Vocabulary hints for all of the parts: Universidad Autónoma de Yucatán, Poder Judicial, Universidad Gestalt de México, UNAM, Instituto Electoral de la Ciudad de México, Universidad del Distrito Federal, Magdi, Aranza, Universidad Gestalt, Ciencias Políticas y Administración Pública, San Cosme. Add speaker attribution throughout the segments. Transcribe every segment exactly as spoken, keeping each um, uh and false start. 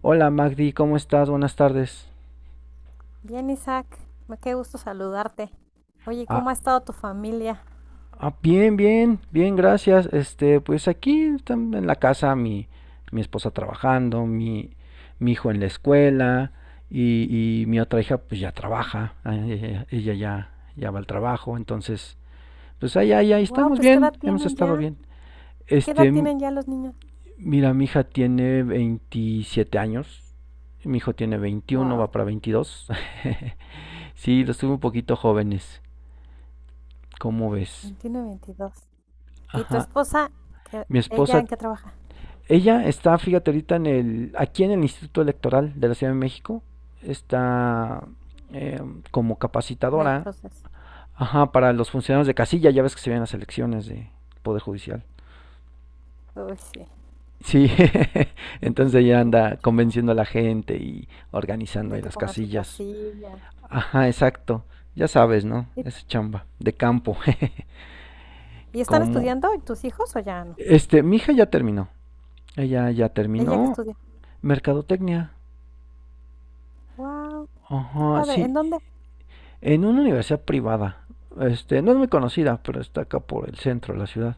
Speaker 1: Hola Magdi, ¿cómo estás? Buenas tardes.
Speaker 2: Bien, Isaac, me qué gusto saludarte. Oye,
Speaker 1: Ah,
Speaker 2: ¿cómo ha estado tu familia?
Speaker 1: ah, bien, bien, bien, gracias. Este, pues aquí están en la casa mi, mi esposa trabajando, mi, mi hijo en la escuela y, y mi otra hija pues ya trabaja, ah, ella, ella ya, ya va al trabajo, entonces pues ahí, ahí, ahí
Speaker 2: Wow,
Speaker 1: estamos
Speaker 2: pues ¿qué
Speaker 1: bien,
Speaker 2: edad
Speaker 1: hemos
Speaker 2: tienen
Speaker 1: estado
Speaker 2: ya?
Speaker 1: bien.
Speaker 2: ¿Qué
Speaker 1: Este,
Speaker 2: edad
Speaker 1: m-
Speaker 2: tienen ya los niños?
Speaker 1: Mira, mi hija tiene veintisiete años, mi hijo tiene veintiuno, va
Speaker 2: Wow,
Speaker 1: para veintidós. Sí, los tuve un poquito jóvenes. ¿Cómo ves?
Speaker 2: veintiuno, y veintidós. ¿Y tu
Speaker 1: Ajá.
Speaker 2: esposa? ¿Qué-
Speaker 1: Mi
Speaker 2: ¿Ella
Speaker 1: esposa,
Speaker 2: en qué trabaja?
Speaker 1: ella está, fíjate, ahorita en el, aquí en el Instituto Electoral de la Ciudad de México, está eh, como
Speaker 2: En el
Speaker 1: capacitadora,
Speaker 2: proceso.
Speaker 1: ajá, para los funcionarios de casilla, ya ves que se ven las elecciones de Poder Judicial.
Speaker 2: Uy, sí,
Speaker 1: Sí, entonces ella
Speaker 2: es
Speaker 1: anda
Speaker 2: mucho trabajo.
Speaker 1: convenciendo a la gente y organizando
Speaker 2: De
Speaker 1: ahí
Speaker 2: que
Speaker 1: las
Speaker 2: pongan su
Speaker 1: casillas.
Speaker 2: casilla.
Speaker 1: Ajá, exacto. Ya sabes, ¿no?
Speaker 2: ¿Y,
Speaker 1: Es chamba de campo.
Speaker 2: y están
Speaker 1: Como
Speaker 2: estudiando tus hijos o ya no?
Speaker 1: este, Mi hija ya terminó. Ella ya
Speaker 2: ¿Ella que
Speaker 1: terminó
Speaker 2: estudia?
Speaker 1: mercadotecnia.
Speaker 2: Wow, qué
Speaker 1: Ajá,
Speaker 2: padre. ¿En
Speaker 1: sí,
Speaker 2: dónde?
Speaker 1: en una universidad privada. Este, no es muy conocida, pero está acá por el centro de la ciudad.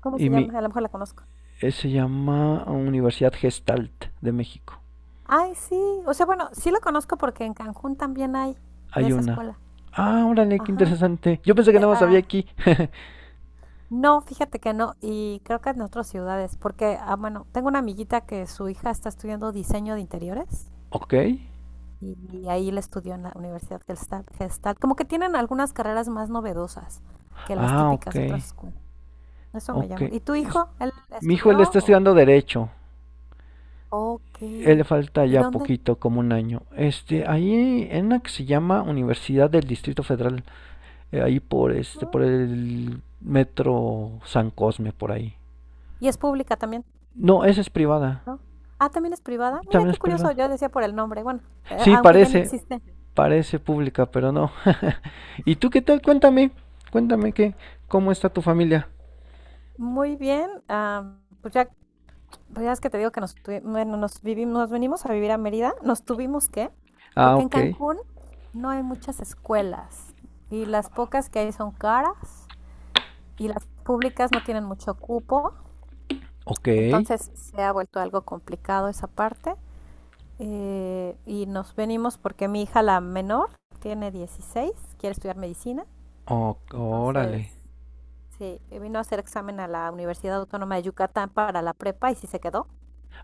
Speaker 2: ¿Cómo
Speaker 1: Y
Speaker 2: se
Speaker 1: mi
Speaker 2: llama? A lo mejor la conozco.
Speaker 1: eh, Se llama Universidad Gestalt de México.
Speaker 2: Ay, sí. O sea, bueno, sí la conozco porque en Cancún también hay de
Speaker 1: Hay
Speaker 2: esa
Speaker 1: una.
Speaker 2: escuela.
Speaker 1: Ah, órale, qué
Speaker 2: Ajá.
Speaker 1: interesante. Yo
Speaker 2: Sí,
Speaker 1: pensé que
Speaker 2: eh,
Speaker 1: nada más había
Speaker 2: ah,
Speaker 1: aquí.
Speaker 2: no, fíjate que no, y creo que en otras ciudades, porque, ah, bueno, tengo una amiguita que su hija está estudiando diseño de interiores
Speaker 1: Ok.
Speaker 2: y ahí la estudió en la Universidad Gestalt, Gestalt. Como que tienen algunas carreras más novedosas que las
Speaker 1: Ah,
Speaker 2: típicas
Speaker 1: ok.
Speaker 2: de otras escuelas. Eso me
Speaker 1: Ok.
Speaker 2: llama. ¿Y tu
Speaker 1: Es-
Speaker 2: hijo? ¿Él
Speaker 1: Mi hijo
Speaker 2: estudió?
Speaker 1: él está
Speaker 2: O...
Speaker 1: estudiando derecho.
Speaker 2: Ok.
Speaker 1: Él le falta
Speaker 2: ¿Y
Speaker 1: ya
Speaker 2: dónde?
Speaker 1: poquito, como un año. Este, ahí en una que se llama Universidad del Distrito Federal. Eh, ahí por este, por el metro San Cosme, por ahí.
Speaker 2: Y es pública también,
Speaker 1: No, esa es privada.
Speaker 2: ¿no? Ah, también es privada. Mira
Speaker 1: También
Speaker 2: qué
Speaker 1: es
Speaker 2: curioso,
Speaker 1: privada.
Speaker 2: yo decía por el nombre, bueno, eh,
Speaker 1: Sí,
Speaker 2: aunque ya ni
Speaker 1: parece,
Speaker 2: existe.
Speaker 1: parece pública, pero no. ¿Y tú qué tal? Cuéntame, cuéntame qué, cómo está tu familia.
Speaker 2: Muy bien, ah, pues ya Pues ya es que te digo que nos, tuvi- bueno, nos, vivimos, nos venimos a vivir a Mérida, nos tuvimos que,
Speaker 1: Ah,
Speaker 2: porque en
Speaker 1: ok,
Speaker 2: Cancún no hay muchas escuelas y las pocas que hay son caras y las públicas no tienen mucho cupo,
Speaker 1: ok,
Speaker 2: entonces se ha vuelto algo complicado esa parte. Eh, y nos venimos porque mi hija la menor tiene dieciséis, quiere estudiar medicina,
Speaker 1: o-
Speaker 2: entonces
Speaker 1: órale.
Speaker 2: sí, vino a hacer examen a la Universidad Autónoma de Yucatán para la prepa y sí se quedó.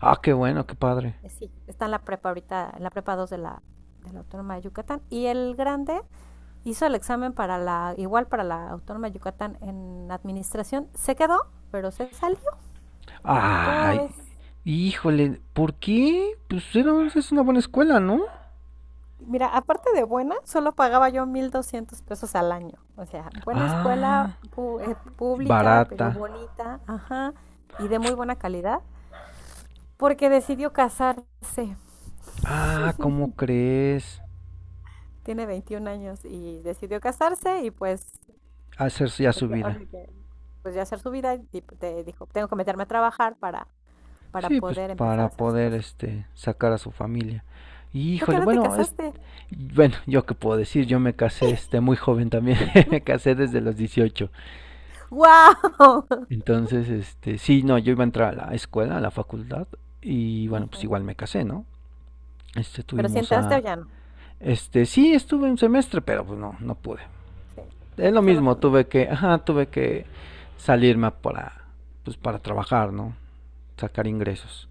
Speaker 1: Ah, qué bueno, qué padre.
Speaker 2: Eh, Sí, está en la prepa ahorita, en la prepa dos de la, de la Autónoma de Yucatán. Y el grande hizo el examen para la, igual para la Autónoma de Yucatán en administración. Se quedó, pero se salió. ¿Cómo
Speaker 1: Ay,
Speaker 2: ves?
Speaker 1: híjole, ¿por qué? Pues era, es una buena escuela, ¿no?
Speaker 2: Mira, aparte de buena, solo pagaba yo mil doscientos pesos al año. O sea, buena escuela
Speaker 1: Ah,
Speaker 2: pu- eh, pública,
Speaker 1: barata.
Speaker 2: pero bonita, ajá, y de muy buena calidad, porque decidió casarse.
Speaker 1: Ah, ¿cómo crees?
Speaker 2: Tiene veintiún años y decidió casarse y pues
Speaker 1: Hacer ya
Speaker 2: Lo
Speaker 1: su
Speaker 2: que- o
Speaker 1: vida.
Speaker 2: lo que, pues ya hacer su vida y p- te dijo, tengo que meterme a trabajar para, para
Speaker 1: Sí, pues
Speaker 2: poder empezar
Speaker 1: para
Speaker 2: a hacer sus
Speaker 1: poder
Speaker 2: cosas.
Speaker 1: este sacar a su familia. Y,
Speaker 2: ¿Tú qué
Speaker 1: Híjole,
Speaker 2: edad te
Speaker 1: bueno, es
Speaker 2: casaste?
Speaker 1: bueno, yo qué puedo decir, yo me casé este muy joven también. Me casé desde los dieciocho.
Speaker 2: ¡Wow!
Speaker 1: Entonces, este, sí, no, yo iba a entrar a la escuela, a la facultad y bueno, pues igual me casé, ¿no? Este
Speaker 2: Pero si
Speaker 1: tuvimos
Speaker 2: entraste o
Speaker 1: a
Speaker 2: ya no.
Speaker 1: este, sí, estuve un semestre, pero pues no, no pude.
Speaker 2: Sí, te
Speaker 1: Es lo
Speaker 2: pasó lo que a
Speaker 1: mismo,
Speaker 2: mí.
Speaker 1: tuve que, ajá, tuve que salirme para pues para trabajar, ¿no? Sacar ingresos.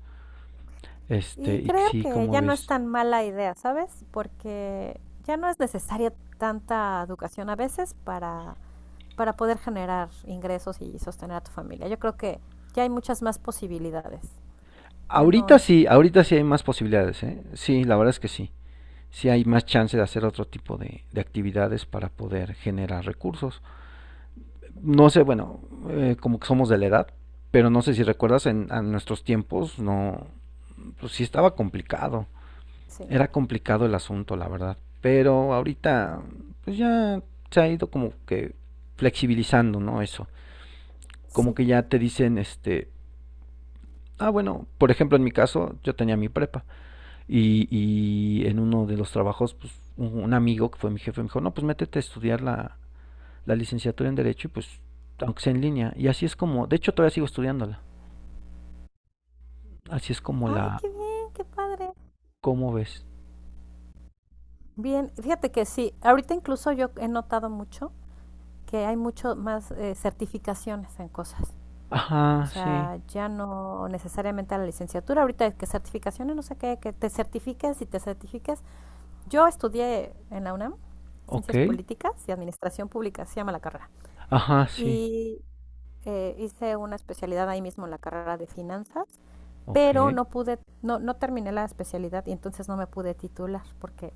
Speaker 1: Este,
Speaker 2: Y
Speaker 1: y
Speaker 2: creo
Speaker 1: sí,
Speaker 2: que
Speaker 1: ¿como
Speaker 2: ya no es
Speaker 1: ves?
Speaker 2: tan mala idea, ¿sabes? Porque ya no es necesaria tanta educación a veces para, para poder generar ingresos y sostener a tu familia. Yo creo que ya hay muchas más posibilidades. Ya no
Speaker 1: Ahorita
Speaker 2: es...
Speaker 1: sí, ahorita sí hay más posibilidades, ¿eh? Sí, la verdad es que sí. Sí hay más chance de hacer otro tipo de, de actividades para poder generar recursos. No sé, bueno, eh, como que somos de la edad, pero no sé si recuerdas, en, en nuestros tiempos no, pues sí estaba complicado.
Speaker 2: Sí,
Speaker 1: Era complicado el asunto, la verdad. Pero ahorita, pues ya se ha ido como que flexibilizando, ¿no? Eso. Como
Speaker 2: sí.
Speaker 1: que ya te dicen, este, ah, bueno, por ejemplo, en mi caso, yo tenía mi prepa. Y, y en uno de los trabajos, pues un, un amigo que fue mi jefe me dijo, no, pues métete a estudiar la, la licenciatura en Derecho y pues, aunque sea en línea. Y así es como, de hecho todavía sigo estudiándola. Así es como
Speaker 2: Ah,
Speaker 1: la,
Speaker 2: qué bien, qué padre.
Speaker 1: ¿Cómo ves?
Speaker 2: Bien, fíjate que sí, ahorita incluso yo he notado mucho que hay mucho más eh, certificaciones en cosas. O
Speaker 1: Ajá, sí,
Speaker 2: sea, ya no necesariamente a la licenciatura, ahorita es que certificaciones, no sé qué, que te certifiques y te certifiques. Yo estudié en la UNAM
Speaker 1: ok.
Speaker 2: Ciencias Políticas y Administración Pública, se llama la carrera.
Speaker 1: Ajá, sí,
Speaker 2: Y eh, hice una especialidad ahí mismo en la carrera de finanzas, pero
Speaker 1: ok,
Speaker 2: no pude, no, no terminé la especialidad y entonces no me pude titular porque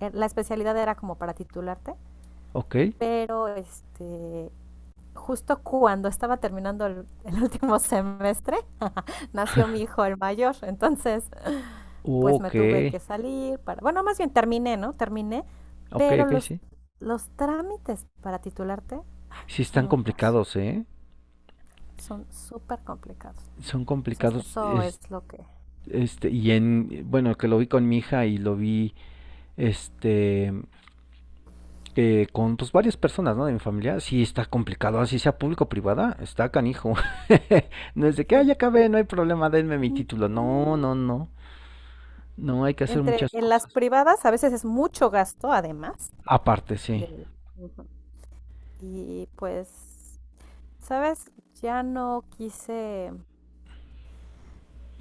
Speaker 2: eh, la especialidad era como para titularte,
Speaker 1: ok,
Speaker 2: pero este, justo cuando estaba terminando el, el último semestre, nació mi hijo el mayor, entonces pues me
Speaker 1: ok,
Speaker 2: tuve que salir para, bueno, más bien terminé, ¿no? Terminé,
Speaker 1: ok,
Speaker 2: pero
Speaker 1: ok,
Speaker 2: los,
Speaker 1: sí.
Speaker 2: los trámites para titularte
Speaker 1: Sí están
Speaker 2: son un caso,
Speaker 1: complicados, ¿eh?
Speaker 2: son súper complicados.
Speaker 1: Son
Speaker 2: Entonces
Speaker 1: complicados,
Speaker 2: eso es
Speaker 1: es-
Speaker 2: lo que...
Speaker 1: este, y en, bueno, que lo vi con mi hija y lo vi, este, eh, con pues, varias personas, ¿no? De mi familia, sí está complicado, así sea público o privada, está canijo. No es de que, ah,
Speaker 2: Sí.
Speaker 1: ya acabé, no hay problema, denme mi
Speaker 2: Ujú.
Speaker 1: título. No, no, no. No, hay que hacer
Speaker 2: Entre
Speaker 1: muchas
Speaker 2: en las
Speaker 1: cosas.
Speaker 2: privadas a veces es mucho gasto, además,
Speaker 1: Aparte, sí.
Speaker 2: de, Ujú. Y pues, ¿sabes? Ya no quise,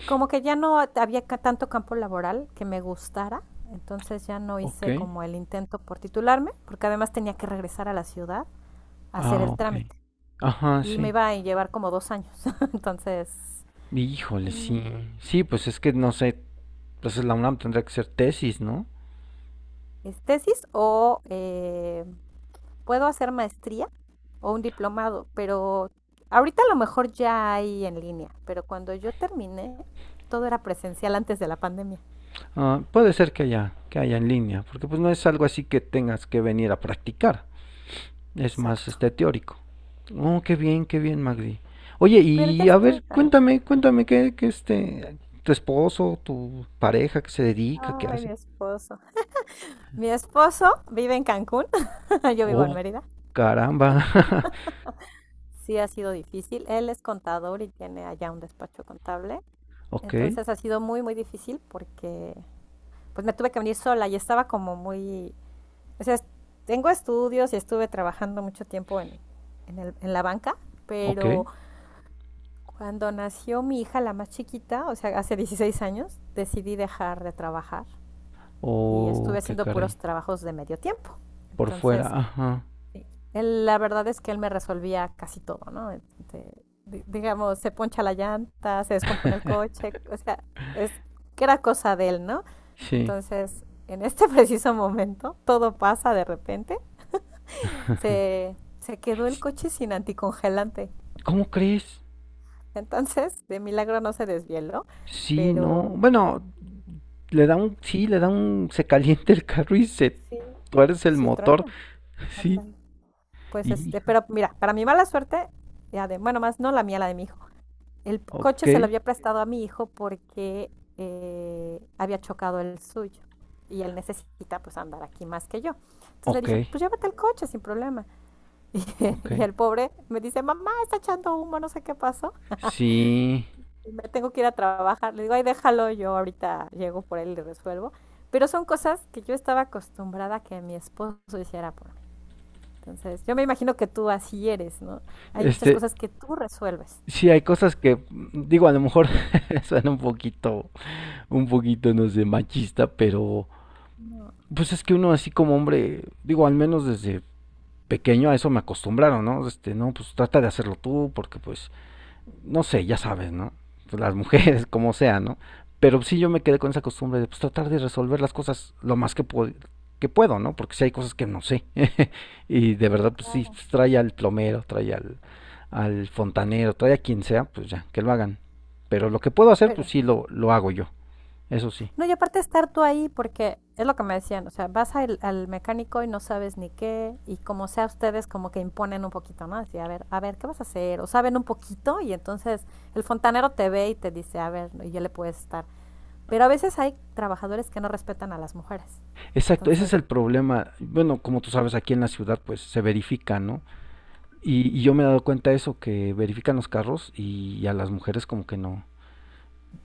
Speaker 2: como que ya no había ca- tanto campo laboral que me gustara, entonces ya no
Speaker 1: Ok.
Speaker 2: hice como el intento por titularme, porque además tenía que regresar a la ciudad a hacer
Speaker 1: Ah,
Speaker 2: el
Speaker 1: ok.
Speaker 2: trámite
Speaker 1: Ajá,
Speaker 2: y me
Speaker 1: sí.
Speaker 2: iba a llevar como dos años, entonces
Speaker 1: Híjole, sí.
Speaker 2: mm,
Speaker 1: Sí, pues es que no sé, pues la UNAM tendrá que ser tesis, ¿no?
Speaker 2: es tesis o eh, puedo hacer maestría o un diplomado, pero ahorita a lo mejor ya hay en línea, pero cuando yo terminé todo era presencial antes de la pandemia.
Speaker 1: Ah, puede ser que haya, que haya en línea, porque pues no es algo así que tengas que venir a practicar. Es más
Speaker 2: Exacto.
Speaker 1: este teórico. Oh, qué bien, qué bien, Magdi. Oye,
Speaker 2: Pero ya
Speaker 1: y a
Speaker 2: estoy.
Speaker 1: ver,
Speaker 2: Ajá.
Speaker 1: cuéntame, cuéntame qué, qué este, tu esposo, tu pareja, qué se dedica, qué
Speaker 2: Ay, mi
Speaker 1: hace.
Speaker 2: esposo. Mi esposo vive en Cancún, yo vivo en
Speaker 1: Oh,
Speaker 2: Mérida.
Speaker 1: caramba.
Speaker 2: Sí ha sido difícil. Él es contador y tiene allá un despacho contable.
Speaker 1: Ok,
Speaker 2: Entonces ha sido muy, muy difícil porque pues me tuve que venir sola y estaba como muy... o sea, es- tengo estudios y estuve trabajando mucho tiempo en, en el- en la banca,
Speaker 1: ok.
Speaker 2: pero cuando nació mi hija, la más chiquita, o sea, hace dieciséis años, decidí dejar de trabajar y estuve
Speaker 1: Oh, qué
Speaker 2: haciendo
Speaker 1: caray.
Speaker 2: puros trabajos de medio tiempo.
Speaker 1: Por
Speaker 2: Entonces,
Speaker 1: fuera, ajá.
Speaker 2: sí. Él, la verdad es que él me resolvía casi todo, ¿no? Este, di- digamos, se poncha la llanta, se descompone el coche, o sea, es que era cosa de él, ¿no?
Speaker 1: Sí.
Speaker 2: Entonces, en este preciso momento, todo pasa de repente, se, se quedó el
Speaker 1: S-
Speaker 2: coche sin anticongelante.
Speaker 1: ¿Cómo crees?
Speaker 2: Entonces, de milagro no se desvieló,
Speaker 1: Sí, no.
Speaker 2: pero
Speaker 1: Bueno, le da un, sí, le da un, se calienta el carro y se
Speaker 2: sí,
Speaker 1: tuerce el
Speaker 2: sí
Speaker 1: motor.
Speaker 2: truena,
Speaker 1: Sí.
Speaker 2: ándale. Pues
Speaker 1: Y,
Speaker 2: este, pero mira, para mi mala suerte, ya de, bueno, más no la mía, la de mi hijo. El coche
Speaker 1: ok,
Speaker 2: se lo había prestado a mi hijo porque eh, había chocado el suyo y él necesita pues andar aquí más que yo. Entonces le
Speaker 1: ok,
Speaker 2: dije, pues llévate el coche sin problema. Y,
Speaker 1: ok.
Speaker 2: y, el pobre me dice, mamá, está echando humo, no sé qué pasó.
Speaker 1: Sí,
Speaker 2: Y me tengo que ir a trabajar. Le digo, ay, déjalo, yo ahorita llego por él y le resuelvo. Pero son cosas que yo estaba acostumbrada a que mi esposo hiciera por mí. Entonces, yo me imagino que tú así eres, ¿no? Hay muchas
Speaker 1: este,
Speaker 2: cosas que tú resuelves.
Speaker 1: sí hay cosas que, mm, digo, a lo mejor suena un poquito, un poquito, no sé, machista, pero
Speaker 2: No,
Speaker 1: pues es que uno así como hombre, digo, al menos desde pequeño a eso me acostumbraron, ¿no? Este, no, pues trata de hacerlo tú, porque pues, no sé, ya sabes, ¿no? Pues, las mujeres, como sea, ¿no? Pero sí yo me quedé con esa costumbre de pues tratar de resolver las cosas lo más que puedo, que puedo, ¿no? Porque sí hay cosas que no sé. Y de verdad, pues sí,
Speaker 2: claro.
Speaker 1: pues, trae al plomero, trae al, al fontanero, todavía a quien sea, pues ya, que lo hagan. Pero lo que puedo hacer,
Speaker 2: Pero
Speaker 1: pues sí, lo, lo hago yo. Eso sí.
Speaker 2: no, y aparte estar tú ahí, porque es lo que me decían, o sea, vas al, al mecánico y no sabes ni qué, y como sea ustedes como que imponen un poquito, ¿no? Así, a ver, a ver, ¿qué vas a hacer? O saben un poquito y entonces el fontanero te ve y te dice, a ver, y ya le puedes estar. Pero a veces hay trabajadores que no respetan a las mujeres,
Speaker 1: Exacto, ese es
Speaker 2: entonces
Speaker 1: el problema. Bueno, como tú sabes, aquí en la ciudad pues se verifica, ¿no? Y, y yo me he dado cuenta de eso, que verifican los carros y, y a las mujeres como que no.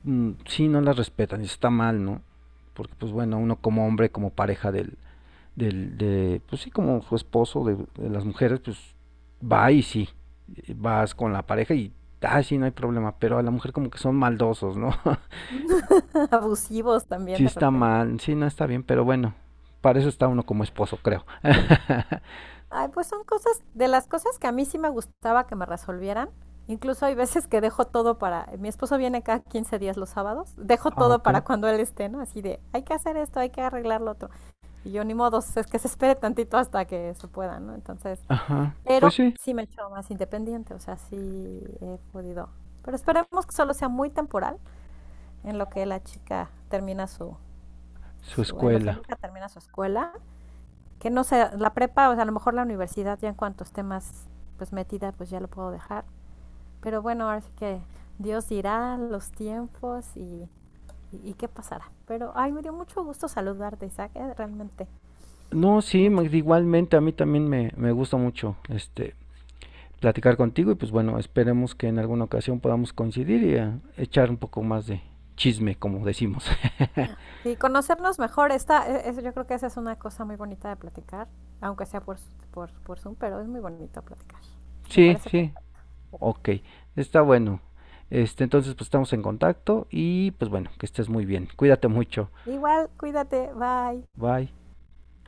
Speaker 1: mm, Sí, no las respetan, y está mal, ¿no? Porque pues bueno, uno como hombre, como pareja del, del, de, pues sí, como su esposo de, de las mujeres, pues va y sí, vas con la pareja y, ah, sí, no hay problema, pero a la mujer como que son maldosos, ¿no?
Speaker 2: abusivos también
Speaker 1: Sí
Speaker 2: de
Speaker 1: está
Speaker 2: repente.
Speaker 1: mal, sí, no está bien, pero bueno, para eso está uno como esposo, creo.
Speaker 2: Ay, pues son cosas, de las cosas que a mí sí me gustaba que me resolvieran. Incluso hay veces que dejo todo para, mi esposo viene cada quince días los sábados, dejo
Speaker 1: Ah,
Speaker 2: todo
Speaker 1: ok.
Speaker 2: para cuando él esté, ¿no? Así de, hay que hacer esto, hay que arreglar lo otro. Y yo ni modo, es que se espere tantito hasta que se pueda, ¿no? Entonces,
Speaker 1: Ajá.
Speaker 2: pero
Speaker 1: Pues sí,
Speaker 2: sí me he hecho más independiente, o sea, sí he podido. Pero esperemos que solo sea muy temporal en lo que la chica termina su,
Speaker 1: su
Speaker 2: su en lo que
Speaker 1: escuela.
Speaker 2: mi hija termina su escuela, que no sé, la prepa, o sea, a lo mejor la universidad ya en cuantos temas pues metida, pues ya lo puedo dejar. Pero bueno, ahora sí que Dios dirá los tiempos y, y, y qué pasará. Pero, ay, me dio mucho gusto saludarte, Isaac, eh, realmente,
Speaker 1: No, sí, ma-
Speaker 2: mucho.
Speaker 1: igualmente a mí también me, me gusta mucho este platicar contigo y pues bueno, esperemos que en alguna ocasión podamos coincidir y eh, echar un poco más de chisme, como decimos.
Speaker 2: Y conocernos mejor, está, eso yo creo que esa es una cosa muy bonita de platicar, aunque sea por, por, por Zoom, pero es muy bonito platicar. Me
Speaker 1: Sí,
Speaker 2: parece
Speaker 1: sí.
Speaker 2: perfecto.
Speaker 1: Ok, está bueno. Este, entonces pues estamos en contacto y pues bueno, que estés muy bien. Cuídate mucho.
Speaker 2: Igual, cuídate, bye.
Speaker 1: Bye.